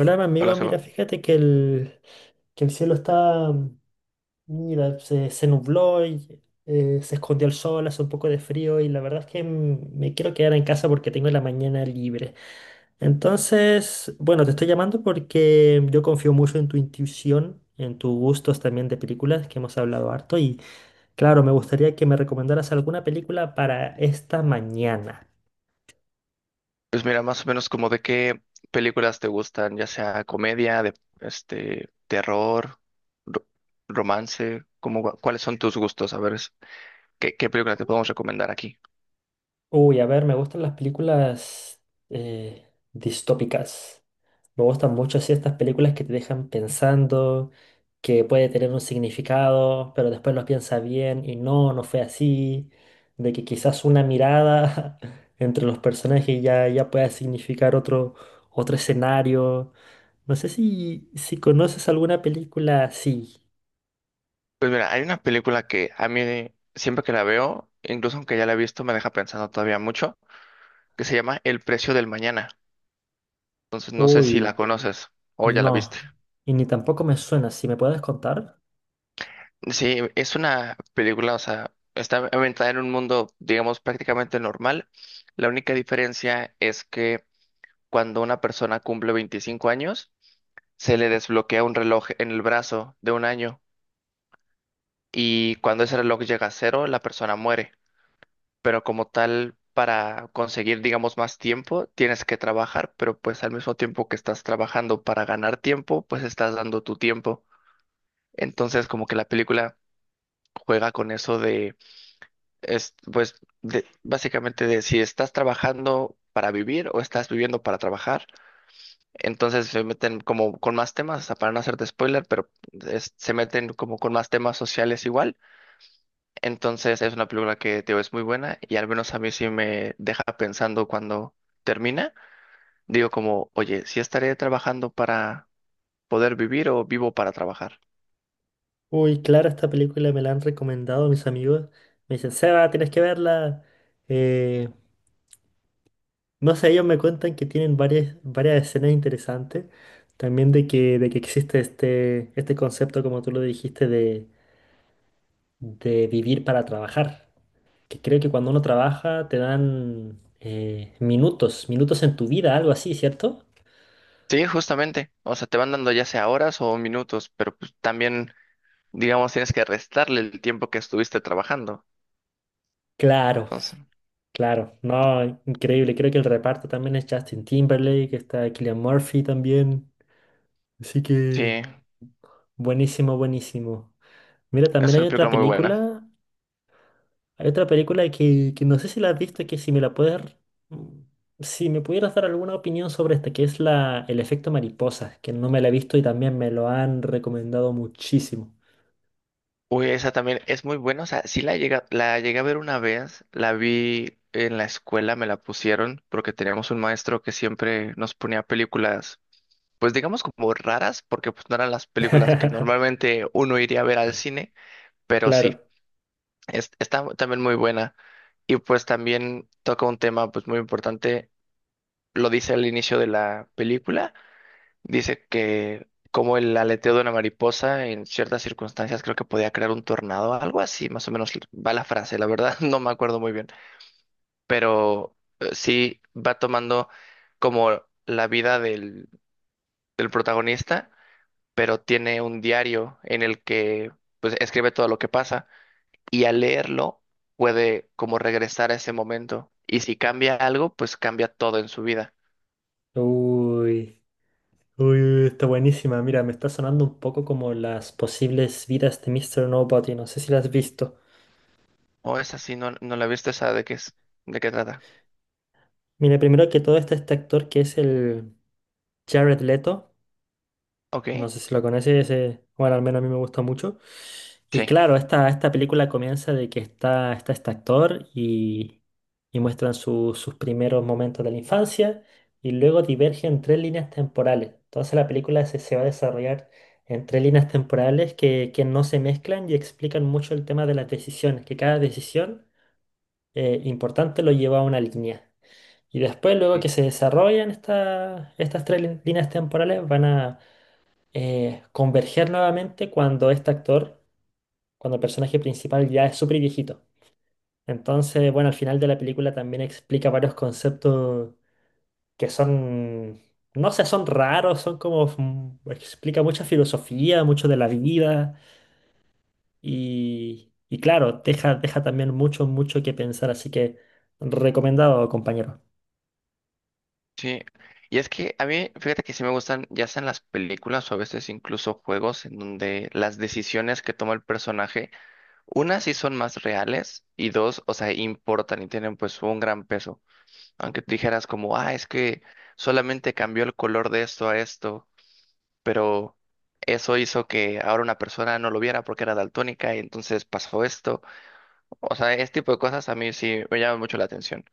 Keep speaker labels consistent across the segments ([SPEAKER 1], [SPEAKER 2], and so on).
[SPEAKER 1] Hola, mi amigo,
[SPEAKER 2] Hola,
[SPEAKER 1] mira,
[SPEAKER 2] Seba.
[SPEAKER 1] fíjate que el cielo está, mira, se nubló y se escondió el sol, hace un poco de frío y la verdad es que me quiero quedar en casa porque tengo la mañana libre. Entonces, bueno, te estoy llamando porque yo confío mucho en tu intuición, en tus gustos también de películas, que hemos hablado harto y claro, me gustaría que me recomendaras alguna película para esta mañana.
[SPEAKER 2] Pues mira, más o menos como de qué películas te gustan, ya sea comedia, de terror, ro- romance, como cuáles son tus gustos, a ver qué película te podemos recomendar aquí.
[SPEAKER 1] Uy, a ver, me gustan las películas eh, distópicas. Me gustan mucho así estas películas que te dejan pensando, que puede tener un significado, pero después lo piensas bien y no, no fue así. De que quizás una mirada entre los personajes ya pueda significar otro, otro escenario. No sé si conoces alguna película así.
[SPEAKER 2] Pues mira, hay una película que a mí siempre que la veo, incluso aunque ya la he visto, me deja pensando todavía mucho, que se llama El precio del mañana. Entonces no sé si la
[SPEAKER 1] Uy,
[SPEAKER 2] conoces o ya la
[SPEAKER 1] no.
[SPEAKER 2] viste.
[SPEAKER 1] Y ni tampoco me suena. ¿Si me puedes contar?
[SPEAKER 2] Sí, es una película, o sea, está ambientada en un mundo, digamos, prácticamente normal. La única diferencia es que cuando una persona cumple 25 años, se le desbloquea un reloj en el brazo de un año y cuando ese reloj llega a cero, la persona muere. Pero como tal, para conseguir, digamos, más tiempo, tienes que trabajar, pero pues al mismo tiempo que estás trabajando para ganar tiempo, pues estás dando tu tiempo. Entonces, como que la película juega con eso. Es, pues, básicamente de si estás trabajando para vivir o estás viviendo para trabajar, entonces se meten como con más temas, o sea, para no hacerte spoiler, pero se meten como con más temas sociales igual. Entonces es una película que, te digo, es muy buena y al menos a mí sí me deja pensando cuando termina. Digo como, oye, ¿si estaré trabajando para poder vivir o vivo para trabajar?
[SPEAKER 1] Uy, claro, esta película me la han recomendado mis amigos. Me dicen, Seba, tienes que verla. Eh, No sé, ellos me cuentan que tienen varias, varias escenas interesantes. También de que existe este, este concepto, como tú lo dijiste, de vivir para trabajar. Que creo que cuando uno trabaja te dan minutos, minutos en tu vida, algo así, ¿cierto?
[SPEAKER 2] Sí, justamente. O sea, te van dando ya sea horas o minutos, pero pues, también. Digamos, tienes que restarle el tiempo que estuviste trabajando.
[SPEAKER 1] Claro,
[SPEAKER 2] Entonces,
[SPEAKER 1] claro. No, increíble. Creo que el reparto también es Justin Timberlake, está Cillian Murphy también. Así
[SPEAKER 2] sí,
[SPEAKER 1] que buenísimo, buenísimo. Mira, también
[SPEAKER 2] es
[SPEAKER 1] hay
[SPEAKER 2] una
[SPEAKER 1] otra
[SPEAKER 2] película muy buena.
[SPEAKER 1] película. Hay otra película que no sé si la has visto, que si me la puedes... mm, Si me pudieras dar alguna opinión sobre esta, que es la, El efecto mariposa, que no me la he visto y también me lo han recomendado muchísimo.
[SPEAKER 2] Uy, esa también es muy buena. O sea, sí la llegué a ver una vez, la vi en la escuela, me la pusieron porque teníamos un maestro que siempre nos ponía películas, pues digamos como raras, porque pues no eran las películas que normalmente uno iría a ver al cine, pero sí,
[SPEAKER 1] Claro.
[SPEAKER 2] está también muy buena. Y pues también toca un tema pues muy importante, lo dice al inicio de la película. Dice que como el aleteo de una mariposa en ciertas circunstancias creo que podía crear un tornado, algo así, más o menos va la frase, la verdad no me acuerdo muy bien, pero sí va tomando como la vida del protagonista, pero tiene un diario en el que pues escribe todo lo que pasa y al leerlo puede como regresar a ese momento y si cambia algo, pues cambia todo en su vida.
[SPEAKER 1] Uy. Uy, está buenísima. Mira, me está sonando un poco como las posibles vidas de Mister Nobody. No sé si la has visto.
[SPEAKER 2] O es así, no, no la he visto. ¿Esa de qué es, de qué trata?
[SPEAKER 1] Mira, primero que todo está este actor que es el Jared Leto.
[SPEAKER 2] Ok,
[SPEAKER 1] No sé si lo conoces, bueno, al menos a mí me gusta mucho. Y
[SPEAKER 2] sí.
[SPEAKER 1] claro, esta película comienza de que está este actor y muestran sus primeros momentos de la infancia y luego divergen tres líneas temporales. Entonces la película se va a desarrollar en tres líneas temporales que no se mezclan y explican mucho el tema de las decisiones, que cada decisión importante lo lleva a una línea. Y después, luego que se desarrollan estas tres líneas temporales, van a converger nuevamente cuando este actor, cuando el personaje principal ya es súper viejito. Entonces, bueno, al final de la película también explica varios conceptos que son, no sé, son raros, son como, explica mucha filosofía, mucho de la vida y claro, deja, deja también mucho, mucho que pensar, así que recomendado, compañero.
[SPEAKER 2] Sí, y es que a mí, fíjate que sí me gustan, ya sean las películas o a veces incluso juegos en donde las decisiones que toma el personaje, una sí son más reales y dos, o sea, importan y tienen pues un gran peso. Aunque tú dijeras como, ah, es que solamente cambió el color de esto a esto, pero eso hizo que ahora una persona no lo viera porque era daltónica y entonces pasó esto. O sea, este tipo de cosas a mí sí me llaman mucho la atención.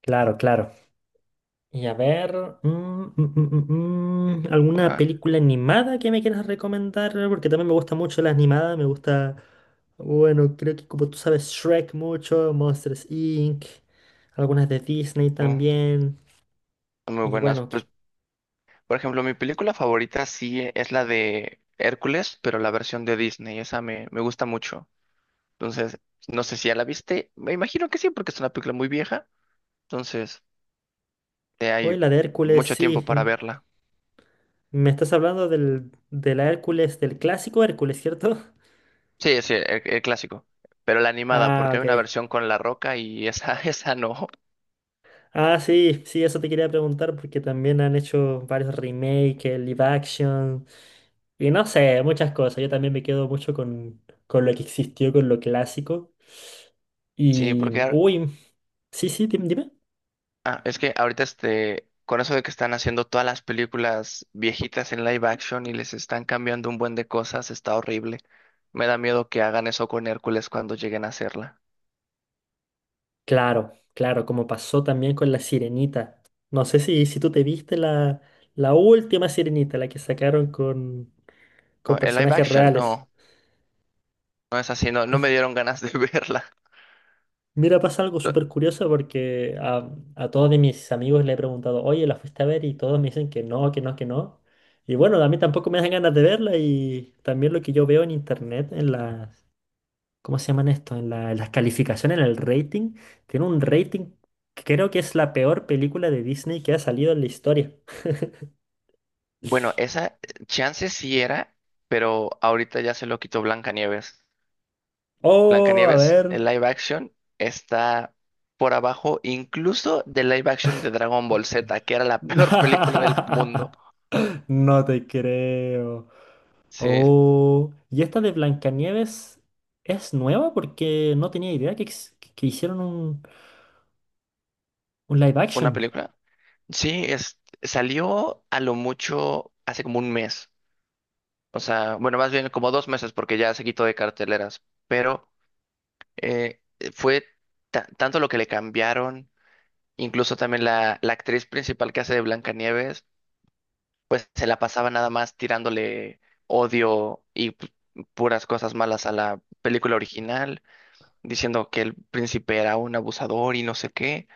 [SPEAKER 1] Claro, claro. Y a ver, ¿alguna
[SPEAKER 2] Ajá.
[SPEAKER 1] película animada que me quieras recomendar? Porque también me gusta mucho la animada, me gusta, bueno, creo que como tú sabes, Shrek mucho, Monsters Inc., algunas de Disney
[SPEAKER 2] Mm.
[SPEAKER 1] también.
[SPEAKER 2] Muy
[SPEAKER 1] Y
[SPEAKER 2] buenas.
[SPEAKER 1] bueno,
[SPEAKER 2] Pues por ejemplo, mi película favorita sí es la de Hércules, pero la versión de Disney, esa me gusta mucho. Entonces, no sé si ya la viste, me imagino que sí, porque es una película muy vieja, entonces
[SPEAKER 1] hoy
[SPEAKER 2] hay
[SPEAKER 1] la de Hércules,
[SPEAKER 2] mucho tiempo
[SPEAKER 1] sí,
[SPEAKER 2] para verla.
[SPEAKER 1] me estás hablando del, de la Hércules, del clásico Hércules, ¿cierto?
[SPEAKER 2] Sí, sí, el clásico, pero la animada,
[SPEAKER 1] Ah,
[SPEAKER 2] porque hay
[SPEAKER 1] ok.
[SPEAKER 2] una versión con La Roca y esa, esa no.
[SPEAKER 1] Ah, sí, sí, eso te quería preguntar porque también han hecho varios remakes, el live action y no sé, muchas cosas. Yo también me quedo mucho con lo que existió, con lo clásico.
[SPEAKER 2] Sí,
[SPEAKER 1] Y,
[SPEAKER 2] porque
[SPEAKER 1] uy, sí, sí, dime.
[SPEAKER 2] ah, es que ahorita con eso de que están haciendo todas las películas viejitas en live action y les están cambiando un buen de cosas, está horrible. Me da miedo que hagan eso con Hércules cuando lleguen a hacerla.
[SPEAKER 1] Claro, claro, como pasó también con la Sirenita. No sé si tú te viste la, la última Sirenita, la que sacaron
[SPEAKER 2] No,
[SPEAKER 1] con
[SPEAKER 2] el live
[SPEAKER 1] personajes
[SPEAKER 2] action
[SPEAKER 1] reales.
[SPEAKER 2] no, no es así, no, no me dieron ganas de verla.
[SPEAKER 1] Mira, pasa algo
[SPEAKER 2] No,
[SPEAKER 1] súper curioso porque a todos de mis amigos le he preguntado, oye, ¿la fuiste a ver? Y todos me dicen que no, que no, que no. Y bueno, a mí tampoco me dan ganas de verla y también lo que yo veo en internet, en las, ¿cómo se llaman esto? En las calificaciones, en el rating, tiene un rating que creo que es la peor película de Disney que ha salido en la historia.
[SPEAKER 2] bueno, esa chance sí era, pero ahorita ya se lo quitó Blancanieves.
[SPEAKER 1] Oh, a
[SPEAKER 2] Blancanieves, el
[SPEAKER 1] ver.
[SPEAKER 2] live action, está por abajo incluso del live action de Dragon Ball Z, que era la peor película del mundo.
[SPEAKER 1] No te creo.
[SPEAKER 2] Sí,
[SPEAKER 1] Oh, y esta de Blancanieves es nueva porque no tenía idea que, que hicieron un live action.
[SPEAKER 2] una película. Sí, es, salió a lo mucho hace como un mes. O sea, bueno, más bien como 2 meses porque ya se quitó de carteleras. Pero eh, fue tanto lo que le cambiaron, incluso también la actriz principal que hace de Blancanieves, pues se la pasaba nada más tirándole odio y puras cosas malas a la película original, diciendo que el príncipe era un abusador y no sé qué.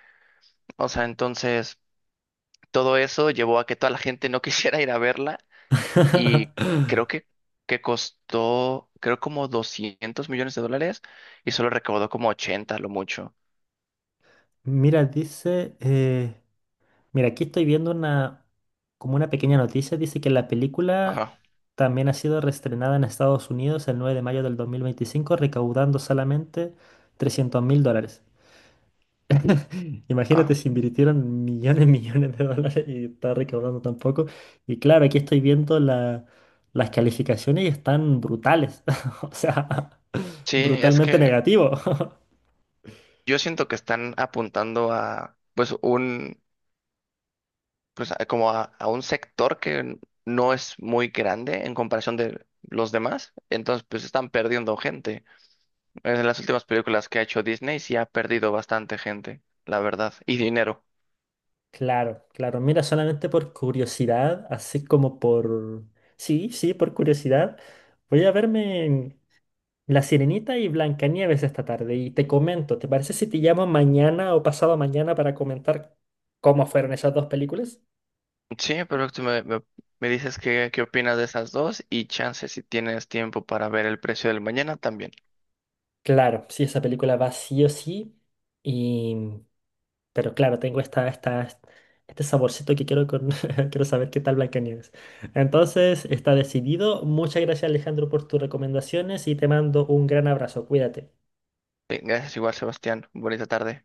[SPEAKER 2] O sea, entonces todo eso llevó a que toda la gente no quisiera ir a verla y creo que costó, creo como 200 millones de dólares y solo recaudó como 80 lo mucho.
[SPEAKER 1] Mira, dice, mira, aquí estoy viendo una, como una pequeña noticia, dice que la película
[SPEAKER 2] Ajá.
[SPEAKER 1] también ha sido reestrenada en Estados Unidos el 9 de mayo de 2025 recaudando solamente $300.000. Imagínate
[SPEAKER 2] Ah,
[SPEAKER 1] si invirtieron millones, millones de dólares y está recaudando tan poco. Y claro, aquí estoy viendo las calificaciones y están brutales. O sea,
[SPEAKER 2] sí, es
[SPEAKER 1] brutalmente
[SPEAKER 2] que
[SPEAKER 1] negativo.
[SPEAKER 2] yo siento que están apuntando a, pues, un, pues, como a, un sector que no es muy grande en comparación de los demás, entonces, pues, están perdiendo gente. En las últimas películas que ha hecho Disney sí ha perdido bastante gente, la verdad, y dinero.
[SPEAKER 1] Claro, claro. Mira, solamente por curiosidad, así como por... Sí, sí, por curiosidad. Voy a verme La Sirenita y Blancanieves esta tarde y te comento. ¿Te parece si te llamo mañana o pasado mañana para comentar cómo fueron esas dos películas?
[SPEAKER 2] Sí, pero tú me dices qué, opinas de esas dos y chance si tienes tiempo para ver el precio del mañana también.
[SPEAKER 1] Claro, sí, esa película va sí o sí. Y, pero claro, tengo esta, esta, este saborcito que quiero, con, quiero saber qué tal Blancanieves. Entonces, está decidido. Muchas gracias, Alejandro, por tus recomendaciones y te mando un gran abrazo. Cuídate.
[SPEAKER 2] Bien, gracias igual, Sebastián. Bonita tarde.